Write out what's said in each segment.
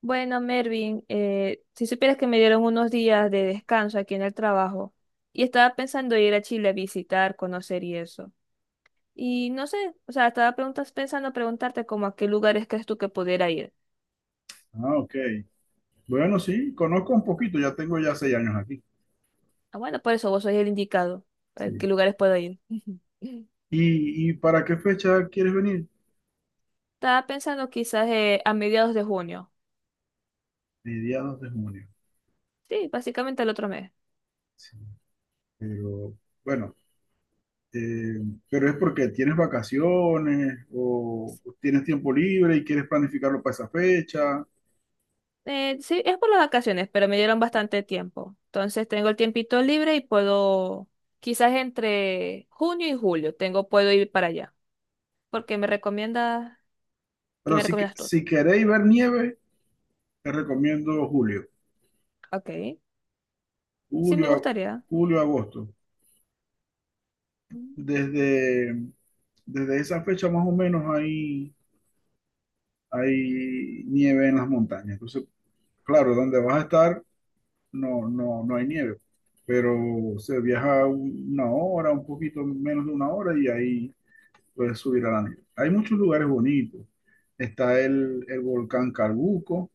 Bueno, Mervin, si supieras que me dieron unos días de descanso aquí en el trabajo y estaba pensando ir a Chile a visitar, conocer y eso. Y no sé, o sea, pensando preguntarte como a qué lugares crees tú que pudiera ir. Ah, ok. Bueno, sí, conozco un poquito, ya tengo ya 6 años aquí. Ah, bueno, por eso vos sois el indicado. ¿A qué Sí. lugares puedo ir? ¿Y para qué fecha quieres venir? Estaba pensando quizás a mediados de junio. Mediados de junio. Sí, básicamente el otro mes. Sí. Pero bueno, eh, pero es porque tienes vacaciones o tienes tiempo libre y quieres planificarlo para esa fecha. Sí, es por las vacaciones, pero me dieron bastante tiempo. Entonces tengo el tiempito libre y puedo, quizás entre junio y julio, tengo, puedo ir para allá. Porque me recomiendas, ¿Qué Pero me si, recomiendas tú? si queréis ver nieve, te recomiendo julio, Ok. Sí, me julio, gustaría. julio, agosto. Mm. Desde, desde esa fecha más o menos ahí hay nieve en las montañas. Entonces, claro, donde vas a estar no, no, no hay nieve, pero se viaja una hora, un poquito menos de una hora y ahí puedes subir a la nieve. Hay muchos lugares bonitos. Está el volcán Carbuco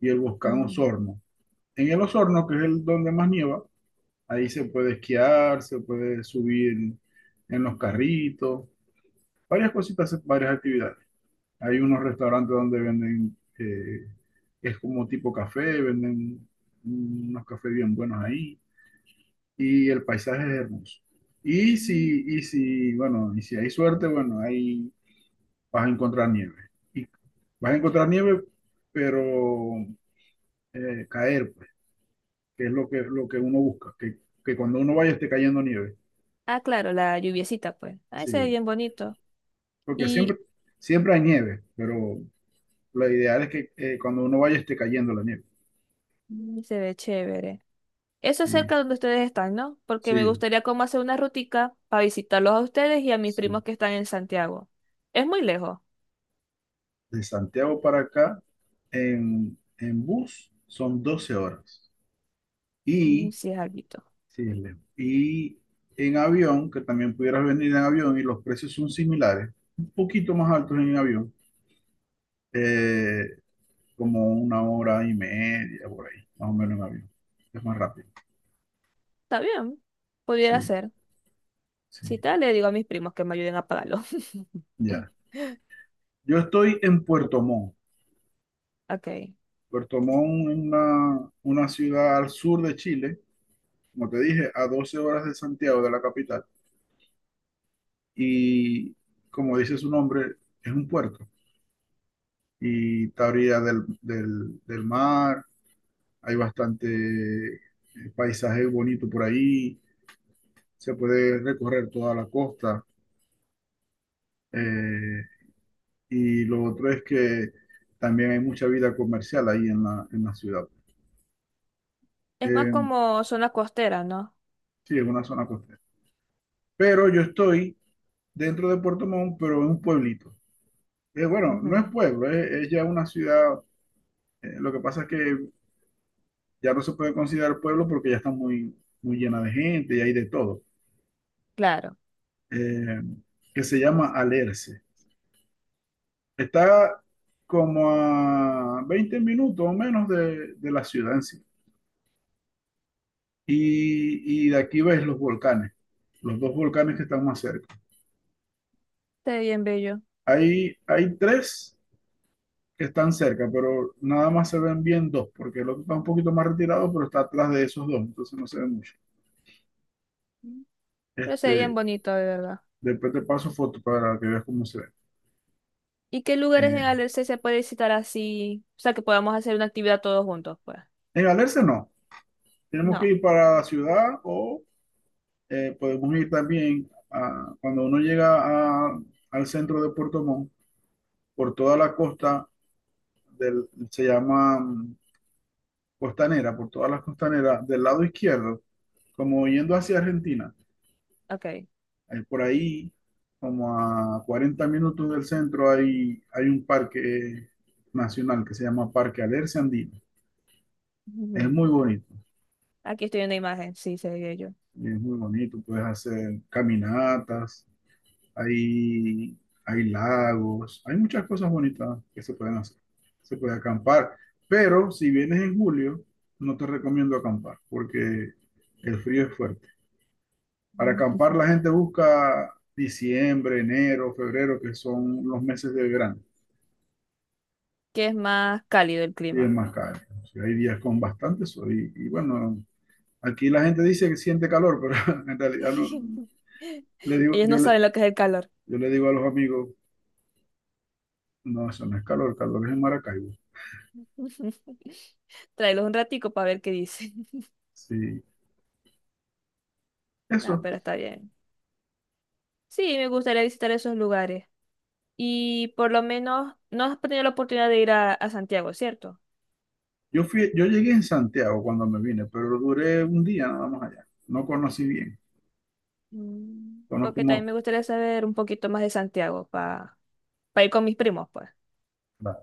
y el volcán Mm, Osorno. En el Osorno, que es el donde más nieva, ahí se puede esquiar, se puede subir en los carritos, varias cositas, varias actividades. Hay unos restaurantes donde venden, es como tipo café, venden unos cafés bien buenos ahí y el paisaje es hermoso. Y mm. si, y si, bueno, y si hay suerte, bueno, ahí vas a encontrar nieve. Y vas a encontrar nieve, pero caer, pues, que es lo que uno busca, que cuando uno vaya esté cayendo nieve. Ah, claro, la lluviecita, pues. Ahí se ve Sí, bien bonito. porque siempre, Y siempre hay nieve, pero lo ideal es que cuando uno vaya esté cayendo la nieve. mm, se ve chévere. Eso es Sí, cerca donde ustedes están, ¿no? Porque me sí. gustaría como hacer una rutica para visitarlos a ustedes y a mis primos Sí. que están en Santiago. Es muy lejos. De Santiago para acá, en bus, son 12 horas. Mm, Y, sí, es algo. sí, es lejos. Y en avión, que también pudieras venir en avión y los precios son similares, un poquito más altos en avión, eh, como una hora y media por ahí, más o menos en avión. Es más rápido. Está bien, pudiera Sí, ser. Si sí, tal, le digo a mis primos que me ayuden a pagarlo. ya. Yo estoy en Puerto Montt. Ok. Puerto Montt es una ciudad al sur de Chile, como te dije, a 12 horas de Santiago, de la capital. Y como dice su nombre, es un puerto y está a orilla del mar, hay bastante paisaje bonito por ahí, se puede recorrer toda la costa eh, y lo otro es que también hay mucha vida comercial ahí en la ciudad. Es más Eh, como zona costera, ¿no? sí, es una zona costera. Pero yo estoy dentro de Puerto Montt, pero en un pueblito. Bueno, no es Ujú. pueblo, es ya una ciudad. Lo que pasa es que ya no se puede considerar pueblo porque ya está muy, muy llena de gente y hay de todo, Claro. eh, que se llama Alerce. Está como a 20 minutos o menos de la ciudad en sí. Y de aquí ves los volcanes, los dos volcanes que están más cerca. Está bien bello. Hay tres que están cerca, pero nada más se ven bien dos, porque el otro está un poquito más retirado, pero está atrás de esos dos, entonces no se ve mucho. Ujú. Pero sería bien Este, bonito, de verdad. después te paso fotos para que veas cómo se ve. ¿Y qué lugares en Eh, Alerce se puede visitar así? O sea, que podamos hacer una actividad todos juntos, pues. en Alerce no, tenemos que No. ir para la ciudad o podemos ir también cuando uno llega al centro de Puerto Montt, por toda la costa del, se llama costanera, por todas las costaneras del lado izquierdo, como yendo hacia Argentina. Ok. Por ahí, como a 40 minutos del centro, hay un parque nacional que se llama Parque Alerce Andino. Es Ujú. muy bonito, Aquí estoy en la imagen. Sí, se ve bello. es muy bonito, puedes hacer caminatas, hay, hay lagos, hay muchas cosas bonitas que se pueden hacer. Se puede acampar, pero si vienes en julio, no te recomiendo acampar porque el frío es fuerte. Para acampar Ujú. la gente busca diciembre, enero, febrero, que son los meses de verano Que es más cálido el y es clima. más caro. O sea, hay días con bastante sol y bueno, aquí la gente dice que siente calor, pero en realidad no, le digo, Ellos no saben lo que es el calor. yo le digo a los amigos, no, eso no es calor, calor es en Maracaibo. Tráelos un ratico para ver qué dice. Sí, Ah, eso. pero está bien. Sí, me gustaría visitar esos lugares. Y por lo menos no has tenido la oportunidad de ir a Santiago, ¿cierto? Yo fui, yo llegué en Santiago cuando me vine, pero duré un día nada más allá. No conocí bien. Mm, Conozco porque más. también me gustaría saber un poquito más de Santiago para ir con mis primos, pues. Claro.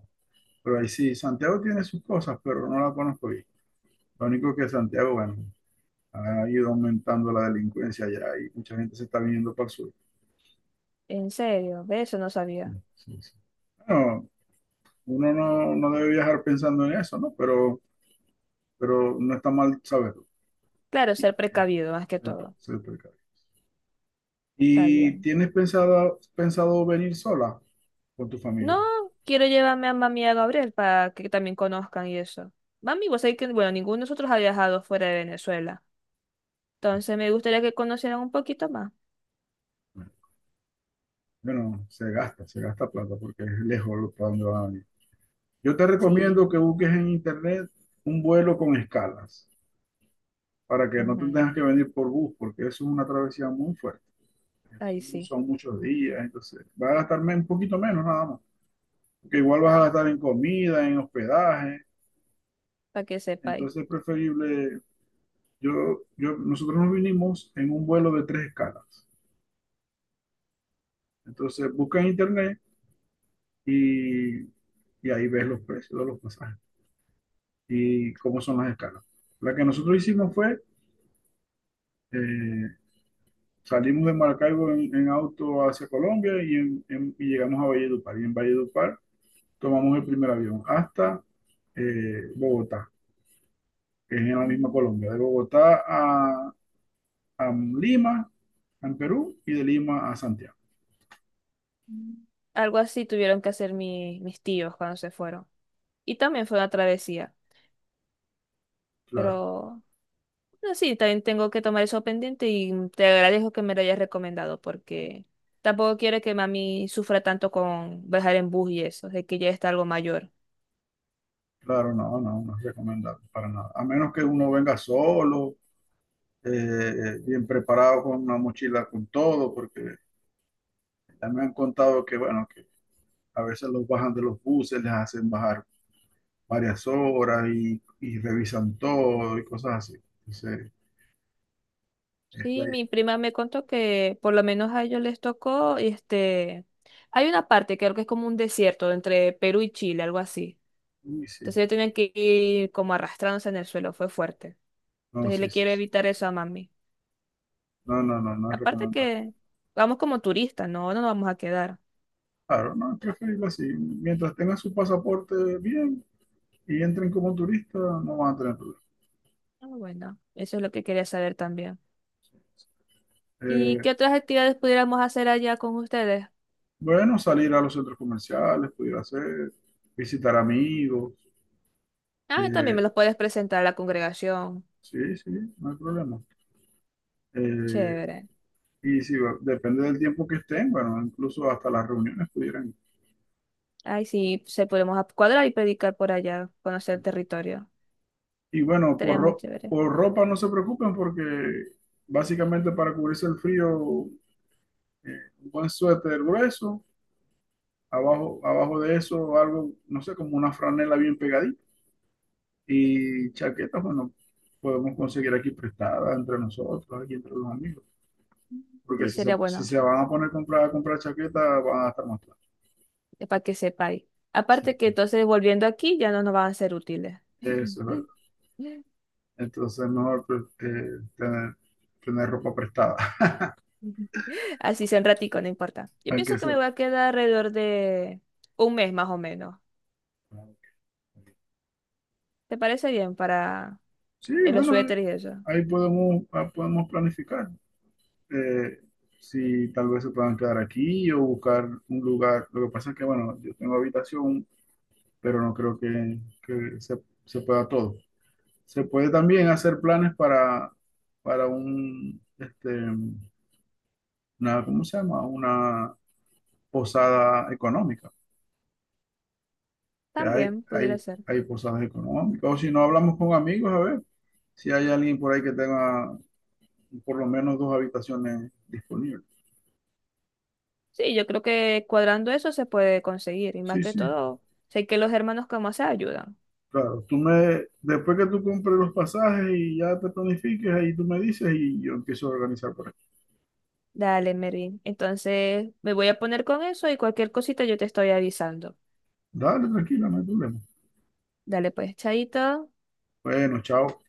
Pero ahí sí, Santiago tiene sus cosas, pero no la conozco bien. Lo único que Santiago, bueno, ha ido aumentando la delincuencia allá y mucha gente se está viniendo para el sur. En serio, ve, eso no Sí, sabía. sí, sí. Bueno, uno no, no debe viajar pensando en eso, ¿no? Pero no está mal saberlo, Claro, ser precavido más que ser, todo. ser precavido. Está ¿Y bien. tienes pensado, pensado venir sola con tu No, familia? quiero llevarme a mami y a Gabriel para que también conozcan y eso. Mami, vos sabés que, bueno, ninguno de nosotros ha viajado fuera de Venezuela. Entonces me gustaría que conocieran un poquito más. Bueno, se gasta plata porque es lejos para donde van a venir. Yo te recomiendo que Sí. busques en internet un vuelo con escalas para que no te Ujú. tengas que venir por bus, porque eso es una travesía muy fuerte. Ahí Son, sí, son muchos días, entonces vas a gastarme un poquito menos nada más, porque igual vas a gastar en comida, en hospedaje. para que sepáis. Entonces es preferible, nosotros nos vinimos en un vuelo de tres escalas. Entonces busca en internet y, y ahí ves los precios de los pasajes. Y cómo son las escalas. La que nosotros hicimos fue, eh, salimos de Maracaibo en auto hacia Colombia y, y llegamos a Valledupar. Y en Valledupar tomamos el primer avión hasta Bogotá, que es en la misma Mm, Colombia. De Bogotá a Lima, en Perú, y de Lima a Santiago. mm. Algo así tuvieron que hacer mis tíos cuando se fueron. Y también fue una travesía. Claro, Pero no, sí, también tengo que tomar eso pendiente y te agradezco que me lo hayas recomendado porque tampoco quiero que mami sufra tanto con viajar en bus y eso, de que ya está algo mayor. claro, no, no, no es recomendable para nada. A menos que uno venga solo. eh, Bien preparado con una mochila con todo, porque ya me han contado que, bueno, a veces los bajan de los buses, les hacen bajar varias horas y revisan todo y cosas así. Entonces, es la... Sí, mi prima me contó que por lo menos a ellos les tocó, este, hay una parte que creo que es como un desierto entre Perú y Chile, algo así. Uy, sí. Entonces ellos tenían que ir como arrastrándose en el suelo, fue fuerte. No, Entonces sí, le sí. quiero Sí. evitar eso a mami. No, no, no, no es Aparte recomendable. que vamos como turistas, no, no nos vamos a quedar. Claro, no, es preferible así. Mientras tengan su pasaporte bien y entren como turistas, no van a tener problemas. Ah, bueno, eso es lo que quería saber también. ¿Y Eh, qué otras actividades pudiéramos hacer allá con ustedes? bueno, salir a los centros comerciales, pudiera ser, visitar amigos. Ah, también me eh, los puedes presentar a la congregación. sí, sí, no hay problema. Eh, Chévere. y si depende del tiempo que estén, bueno, incluso hasta las reuniones pudieran. Ay, sí, pues, se podemos cuadrar y predicar por allá, conocer el territorio. Y bueno, Sería muy chévere. por ropa no se preocupen porque básicamente para cubrirse el frío, un buen suéter grueso, abajo, abajo de eso algo, no sé, como una franela bien pegadita. Y chaquetas, bueno, podemos conseguir aquí prestadas entre nosotros, aquí entre los amigos. Porque Sí, si se, sería si bueno, se van a poner a comprar chaquetas, van a estar más caros. Para que sepáis. Sí, Aparte que entonces volviendo aquí ya no nos van a ser útiles. eso es verdad. Entonces es mejor pues, tener, tener ropa prestada, Así sea un ratico, no importa. Yo aunque pienso que me eso. voy a quedar alrededor de un mes más o menos. ¿Te parece bien para Sí, los bueno, suéteres y eso? ahí podemos planificar. eh, si tal vez se puedan quedar aquí o buscar un lugar. Lo que pasa es que, bueno, yo tengo habitación, pero no creo que se pueda todo. Se puede también hacer planes para este, una, ¿cómo se llama? Una posada económica. Que hay, También pudiera hay, ser. hay posadas económicas. O si no, hablamos con amigos, a ver si hay alguien por ahí que tenga por lo menos dos habitaciones disponibles. Sí, yo creo que cuadrando eso se puede conseguir. Y más Sí, que sí, todo, sé que los hermanos como se ayudan. claro. Después que tú compres los pasajes y ya te planifiques, ahí tú me dices y yo empiezo a organizar por aquí. Dale, Mervin. Entonces me voy a poner con eso y cualquier cosita yo te estoy avisando. Dale, tranquila, no hay problema. Dale, pues, chaito. Bueno, chao.